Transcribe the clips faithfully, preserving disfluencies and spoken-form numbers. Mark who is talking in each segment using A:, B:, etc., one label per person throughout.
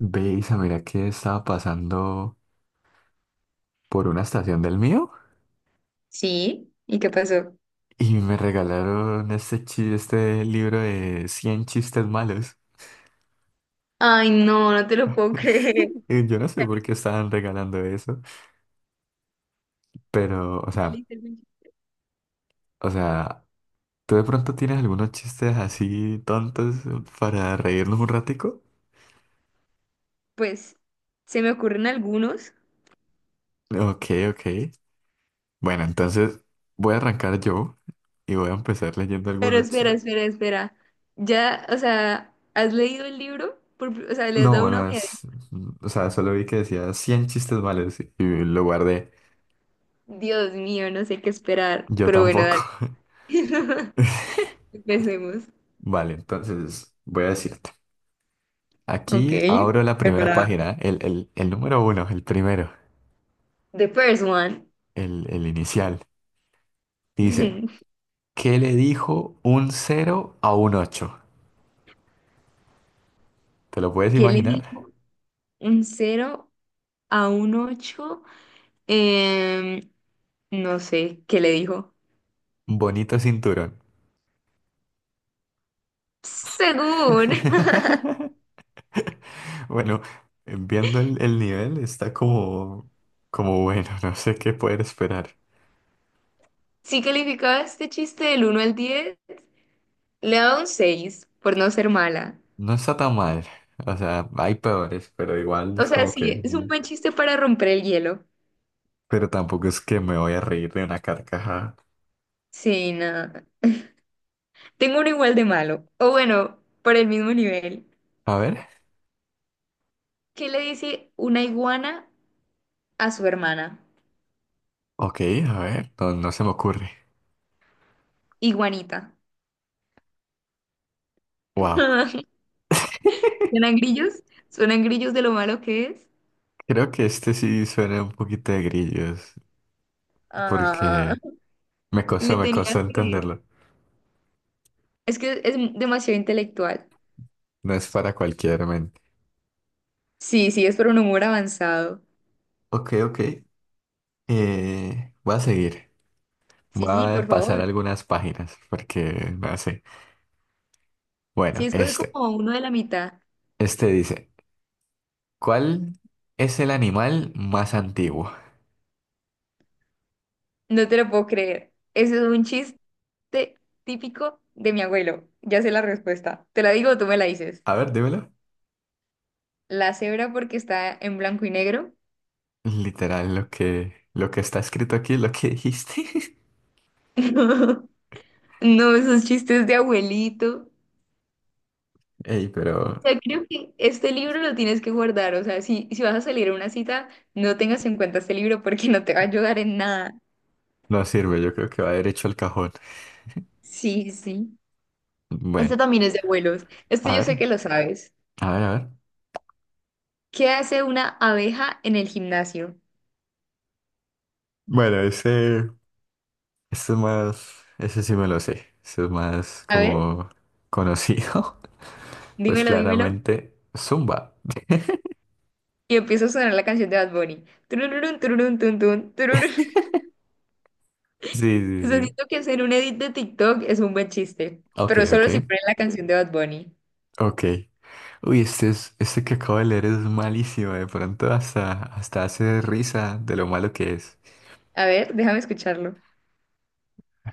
A: Veis, mira que estaba pasando por una estación del mío
B: Sí, ¿y qué pasó?
A: y me regalaron este, chi- este libro de cien chistes malos.
B: Ay, no, no te lo puedo creer.
A: Y Yo no sé
B: Ya
A: por
B: le-
A: qué estaban regalando eso, pero, o
B: ya le
A: sea,
B: hice el winch.
A: o sea, ¿tú de pronto tienes algunos chistes así tontos para reírnos un ratico?
B: Pues se me ocurren algunos,
A: Ok, ok. Bueno, entonces voy a arrancar yo y voy a empezar leyendo
B: pero
A: algunos
B: espera,
A: chistes.
B: espera, espera. Ya, o sea, ¿has leído el libro? Por pri- o sea, le has
A: No,
B: dado una
A: bueno,
B: ojeada.
A: es- o sea, solo vi que decía cien chistes malos y lo guardé.
B: Dios mío, no sé qué esperar,
A: Yo
B: pero bueno,
A: tampoco.
B: dale. Empecemos.
A: Vale, entonces voy a decirte.
B: Ok,
A: Aquí abro la primera
B: preparada.
A: página, el, el- el número uno, el primero,
B: The first one.
A: el, el inicial. Dice,
B: ¿Qué
A: ¿qué le dijo un cero a un ocho? ¿Te lo puedes
B: le
A: imaginar?
B: dijo un cero a un ocho? Em, no sé, ¿qué le dijo?
A: Bonito cinturón.
B: Según.
A: Bueno, viendo el, el nivel, está como, como bueno, no sé qué poder esperar.
B: Si calificaba este chiste del uno al diez le daba un seis por no ser mala.
A: No está tan mal. O sea, hay peores, pero igual
B: O
A: es
B: sea,
A: como que...
B: sí, es un
A: mm,
B: buen chiste para romper el hielo.
A: pero tampoco es que me voy a reír de una carcajada.
B: Sí, nada. Tengo uno igual de malo. O bueno, por el mismo nivel.
A: A ver,
B: ¿Qué le dice una iguana a su hermana?
A: ok, a ver, no, no se me ocurre.
B: Iguanita.
A: Wow.
B: ¿Suenan grillos? ¿Suenan grillos de lo malo que es?
A: Creo que este sí suena un poquito de grillos,
B: Ah,
A: porque me
B: le
A: costó, me
B: tenía
A: costó
B: que...
A: entenderlo.
B: Es que es demasiado intelectual.
A: No es para cualquier mente.
B: Sí, sí, es por un humor avanzado.
A: Ok, ok. Eh, voy a seguir.
B: Sí,
A: Voy
B: sí, por
A: a pasar
B: favor.
A: algunas páginas, porque no sé.
B: Sí,
A: Bueno,
B: escoge
A: este.
B: como uno de la mitad.
A: Este dice, ¿cuál es el animal más antiguo?
B: No te lo puedo creer. Ese es un chiste típico de mi abuelo. Ya sé la respuesta. ¿Te la digo o tú me la dices?
A: A ver, dímelo.
B: La cebra porque está en blanco y negro.
A: Literal, lo que, lo que está escrito aquí, lo que dijiste.
B: No, no, esos chistes de abuelito.
A: Ey,
B: O
A: pero
B: sea, creo que este libro lo tienes que guardar. O sea, si, si vas a salir a una cita, no tengas en cuenta este libro porque no te va a ayudar en nada.
A: no sirve, yo creo que va derecho al cajón.
B: Sí, sí. Este
A: Bueno,
B: también es de abuelos. Este
A: a
B: yo sé
A: ver,
B: que lo sabes.
A: a ver, a ver.
B: ¿Qué hace una abeja en el gimnasio?
A: Bueno, ese, ese es más, ese sí me lo sé. Ese es más
B: A ver.
A: como conocido. Pues
B: Dímelo, dímelo.
A: claramente, Zumba.
B: Y empieza a sonar la canción de Bad Bunny. Tururún, tururún, tun, tun, tururún.
A: Sí, sí,
B: O sea,
A: sí.
B: siento que hacer un edit de TikTok es un buen chiste,
A: Ok,
B: pero
A: ok,
B: solo si ponen la canción de Bad Bunny.
A: ok. Uy, este es, este que acabo de leer es malísimo. De pronto hasta, hasta hace risa de lo malo que es.
B: A ver, déjame escucharlo.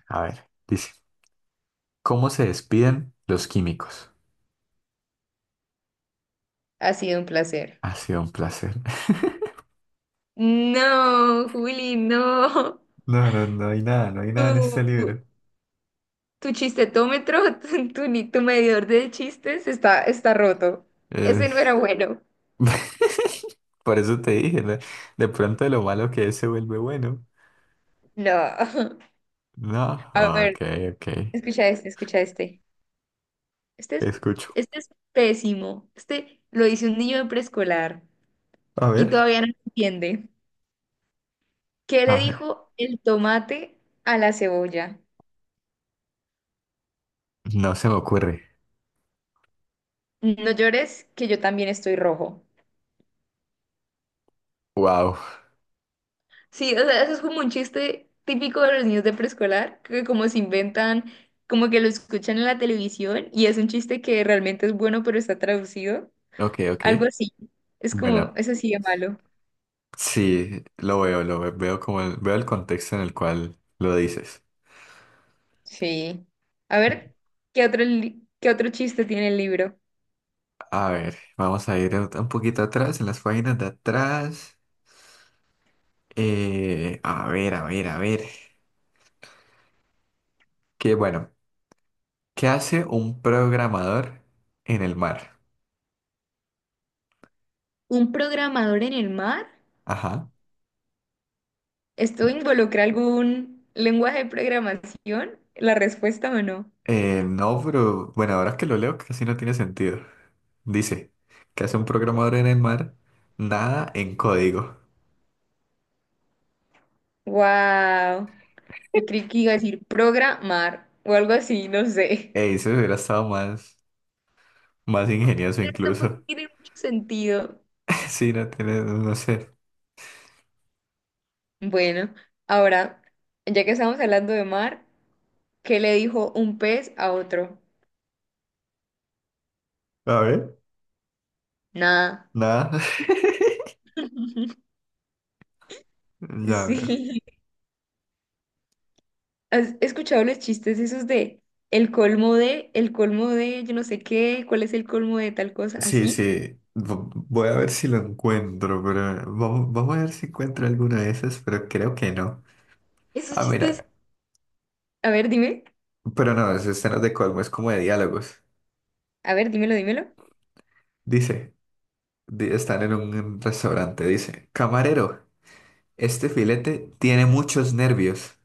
A: A ver, dice. ¿Cómo se despiden los químicos?
B: Ha sido un placer.
A: Ha sido un placer.
B: No, Juli, no.
A: No, no, no hay nada, no hay nada en este
B: Tu,
A: libro.
B: tu chistetómetro, tu, tu, ni- tu medidor de chistes está, está roto.
A: Eh,
B: Ese no era bueno.
A: Por eso te dije, ¿no? De pronto lo malo que es se vuelve bueno.
B: No.
A: No,
B: A
A: ok,
B: ver,
A: ok.
B: escucha este, escucha este. Este es,
A: Escucho.
B: este es pésimo. Este lo dice un niño de preescolar
A: A
B: y
A: ver.
B: todavía no entiende. ¿Qué
A: A
B: le
A: ver.
B: dijo el tomate a la cebolla?
A: No se me ocurre.
B: No llores, que yo también estoy rojo.
A: Wow.
B: Sí, o sea, eso es como un chiste típico de los niños de preescolar, que como se inventan, como que lo escuchan en la televisión y es un chiste que realmente es bueno, pero está traducido.
A: Ok, ok.
B: Algo así. Es como,
A: Bueno,
B: eso sí de malo.
A: sí, lo veo, lo ve- veo como el- veo el contexto en el cual lo dices.
B: Sí. A ver, ¿qué otro, li- qué otro chiste tiene el libro?
A: A ver, vamos a ir un un poquito atrás, en las páginas de atrás. Eh, a ver, a ver, a ver. Que bueno, ¿qué hace un programador en el mar?
B: ¿Un programador en el mar?
A: Ajá.
B: ¿Esto involucra algún lenguaje de programación? ¿La respuesta o no?
A: Eh, no, pero bueno, ahora que lo leo casi no tiene sentido. Dice, ¿qué hace un programador en el mar? Nada en código.
B: Wow. Yo creí que iba a decir programar o algo así, no sé.
A: Ey, eso hubiera estado más, más ingenioso
B: Pero tampoco
A: incluso.
B: tiene mucho sentido.
A: Sí, no tiene, no sé.
B: Bueno, ahora, ya que estamos hablando de mar, ¿qué le dijo un pez a otro?
A: A ver,
B: Nada.
A: nada. Ya veo.
B: Sí. ¿Has escuchado los chistes esos de el colmo de, el colmo de, yo no sé qué, cuál es el colmo de tal cosa,
A: Sí,
B: así?
A: sí. Vo- Voy a ver si lo encuentro, pero vamos, vamos a ver si encuentro alguna de esas, pero creo que no.
B: Esos
A: Ah,
B: chistes,
A: mira,
B: a ver, dime,
A: pero no, es escenas de Colmo, es como de diálogos.
B: a ver, dímelo, dímelo.
A: Dice, di- están en un restaurante, dice, camarero, este filete tiene muchos nervios.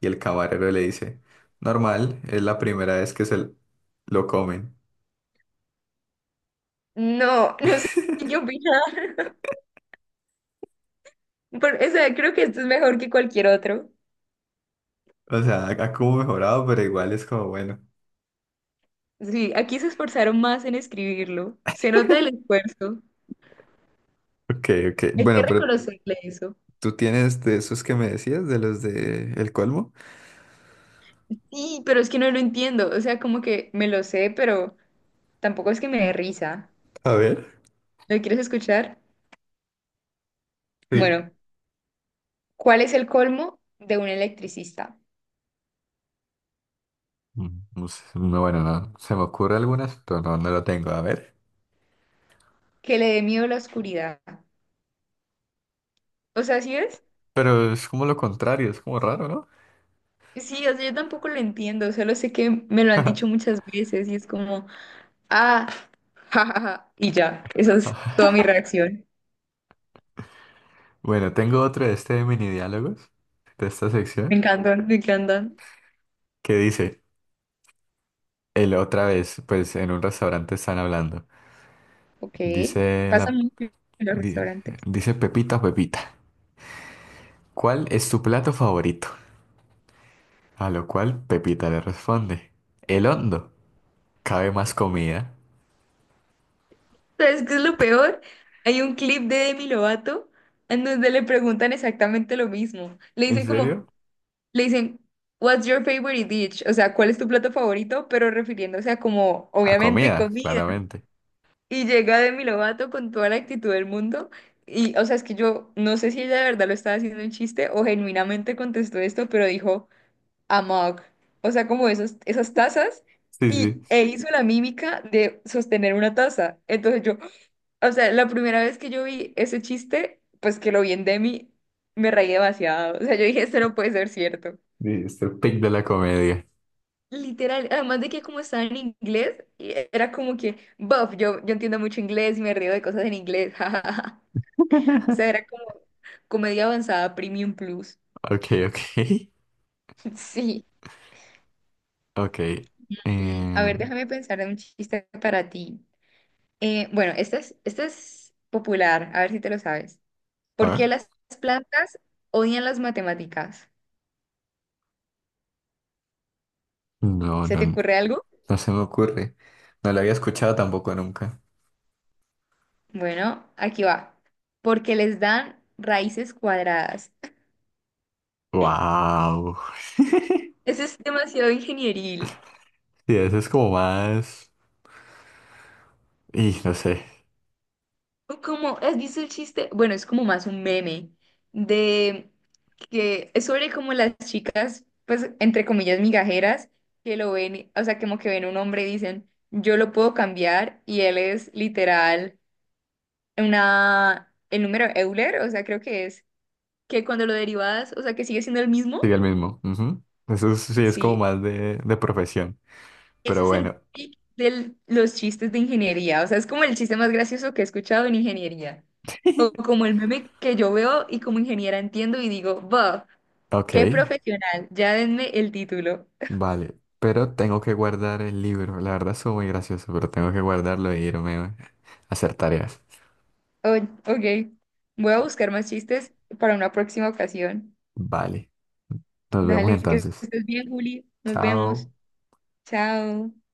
A: Y el camarero le dice, normal, es la primera vez que se l- lo comen.
B: No, no sé qué opinar. Pero, o sea, creo que esto es mejor que cualquier otro.
A: O sea, ha ha como mejorado, pero igual es como bueno.
B: Sí, aquí se esforzaron más en escribirlo. Se nota el esfuerzo.
A: Ok, ok.
B: Hay que
A: Bueno, pero
B: reconocerle eso.
A: tú tienes de esos que me decías, de los de El Colmo.
B: Sí, pero es que no lo entiendo. O sea, como que me lo sé, pero tampoco es que me dé risa.
A: A ver.
B: ¿Lo quieres escuchar?
A: Sí.
B: Bueno. ¿Cuál es el colmo de un electricista?
A: Mm, no sé, no, bueno, no, se me ocurre algunas, pero no, no lo tengo, a ver.
B: Que le dé miedo la oscuridad. O sea, ¿sí es?
A: Pero es como lo contrario, es como raro, ¿no?
B: Sí, o sea, yo tampoco lo entiendo, solo sé que me lo han dicho muchas veces y es como, ah, jajaja, y ya, esa es toda mi reacción.
A: Bueno, tengo otro de este de mini diálogos, de esta
B: Me
A: sección,
B: encantan, me encantan.
A: que dice, el otra vez, pues en un restaurante están hablando.
B: Ok,
A: Dice
B: pasa
A: la,
B: mucho en los
A: di-
B: restaurantes.
A: dice Pepita, Pepita, ¿cuál es tu plato favorito? A lo cual Pepita le responde, el hondo. ¿Cabe más comida?
B: ¿Sabes qué es lo peor? Hay un clip de Demi Lovato en donde le preguntan exactamente lo mismo. Le
A: ¿En
B: dicen
A: serio?
B: como, Le dicen, What's your favorite dish? O sea, ¿cuál es tu plato favorito? Pero refiriéndose a como,
A: A
B: obviamente,
A: comida,
B: comida.
A: claramente.
B: Y llega Demi Lovato con toda la actitud del mundo. Y, o sea, es que yo no sé si ella de verdad lo estaba haciendo un chiste o genuinamente contestó esto, pero dijo, a mug. O sea, como esos, esas tazas.
A: Sí, sí.
B: Y e hizo la mímica de sostener una taza. Entonces yo, o sea, la primera vez que yo vi ese chiste, pues que lo vi en Demi, me reí demasiado. O sea, yo dije, esto no puede ser cierto.
A: mister Pig de la comedia.
B: Literal, además de que como estaba en inglés, y era como que, buff, yo, yo entiendo mucho inglés y me río de cosas en inglés, jajaja. O sea, era como comedia avanzada Premium Plus.
A: Ok, ok.
B: Sí.
A: Ok.
B: Mm, a
A: Eh,
B: ver, déjame pensar en un chiste para ti. Eh, bueno, este es, este es popular, a ver si te lo sabes.
A: a
B: ¿Por qué
A: ver.
B: las plantas odian las matemáticas?
A: No, no,
B: ¿Se te
A: no
B: ocurre algo?
A: no se me ocurre. No la había escuchado tampoco nunca.
B: Bueno, aquí va. Porque les dan raíces cuadradas.
A: Wow.
B: Ese es demasiado ingenieril.
A: Sí, eso es como más. Y no sé.
B: Como, ¿has visto el chiste? Bueno, es como más un meme de que es sobre como las chicas, pues, entre comillas, migajeras, que lo ven, o sea, como que ven un hombre y dicen, yo lo puedo cambiar, y él es literal una, el número Euler, o sea, creo que es, que cuando lo derivas, o sea, que sigue siendo el
A: Sería
B: mismo,
A: el mismo. Ujú. Eso es- sí es como
B: sí,
A: más de, de, profesión.
B: ese
A: Pero
B: es el
A: bueno.
B: pic de los chistes de ingeniería, o sea, es como el chiste más gracioso que he escuchado en ingeniería. O como el meme que yo veo y como ingeniera entiendo y digo, ¡buff!
A: Ok.
B: ¡Qué profesional! Ya denme el título.
A: Vale. Pero tengo que guardar el libro. La verdad es muy gracioso, pero tengo que guardarlo e irme a hacer tareas.
B: Oh, ok, voy a buscar más chistes para una próxima ocasión.
A: Vale. Nos vemos
B: Dale, que
A: entonces.
B: estés bien, Juli. Nos vemos.
A: Chao.
B: Chao.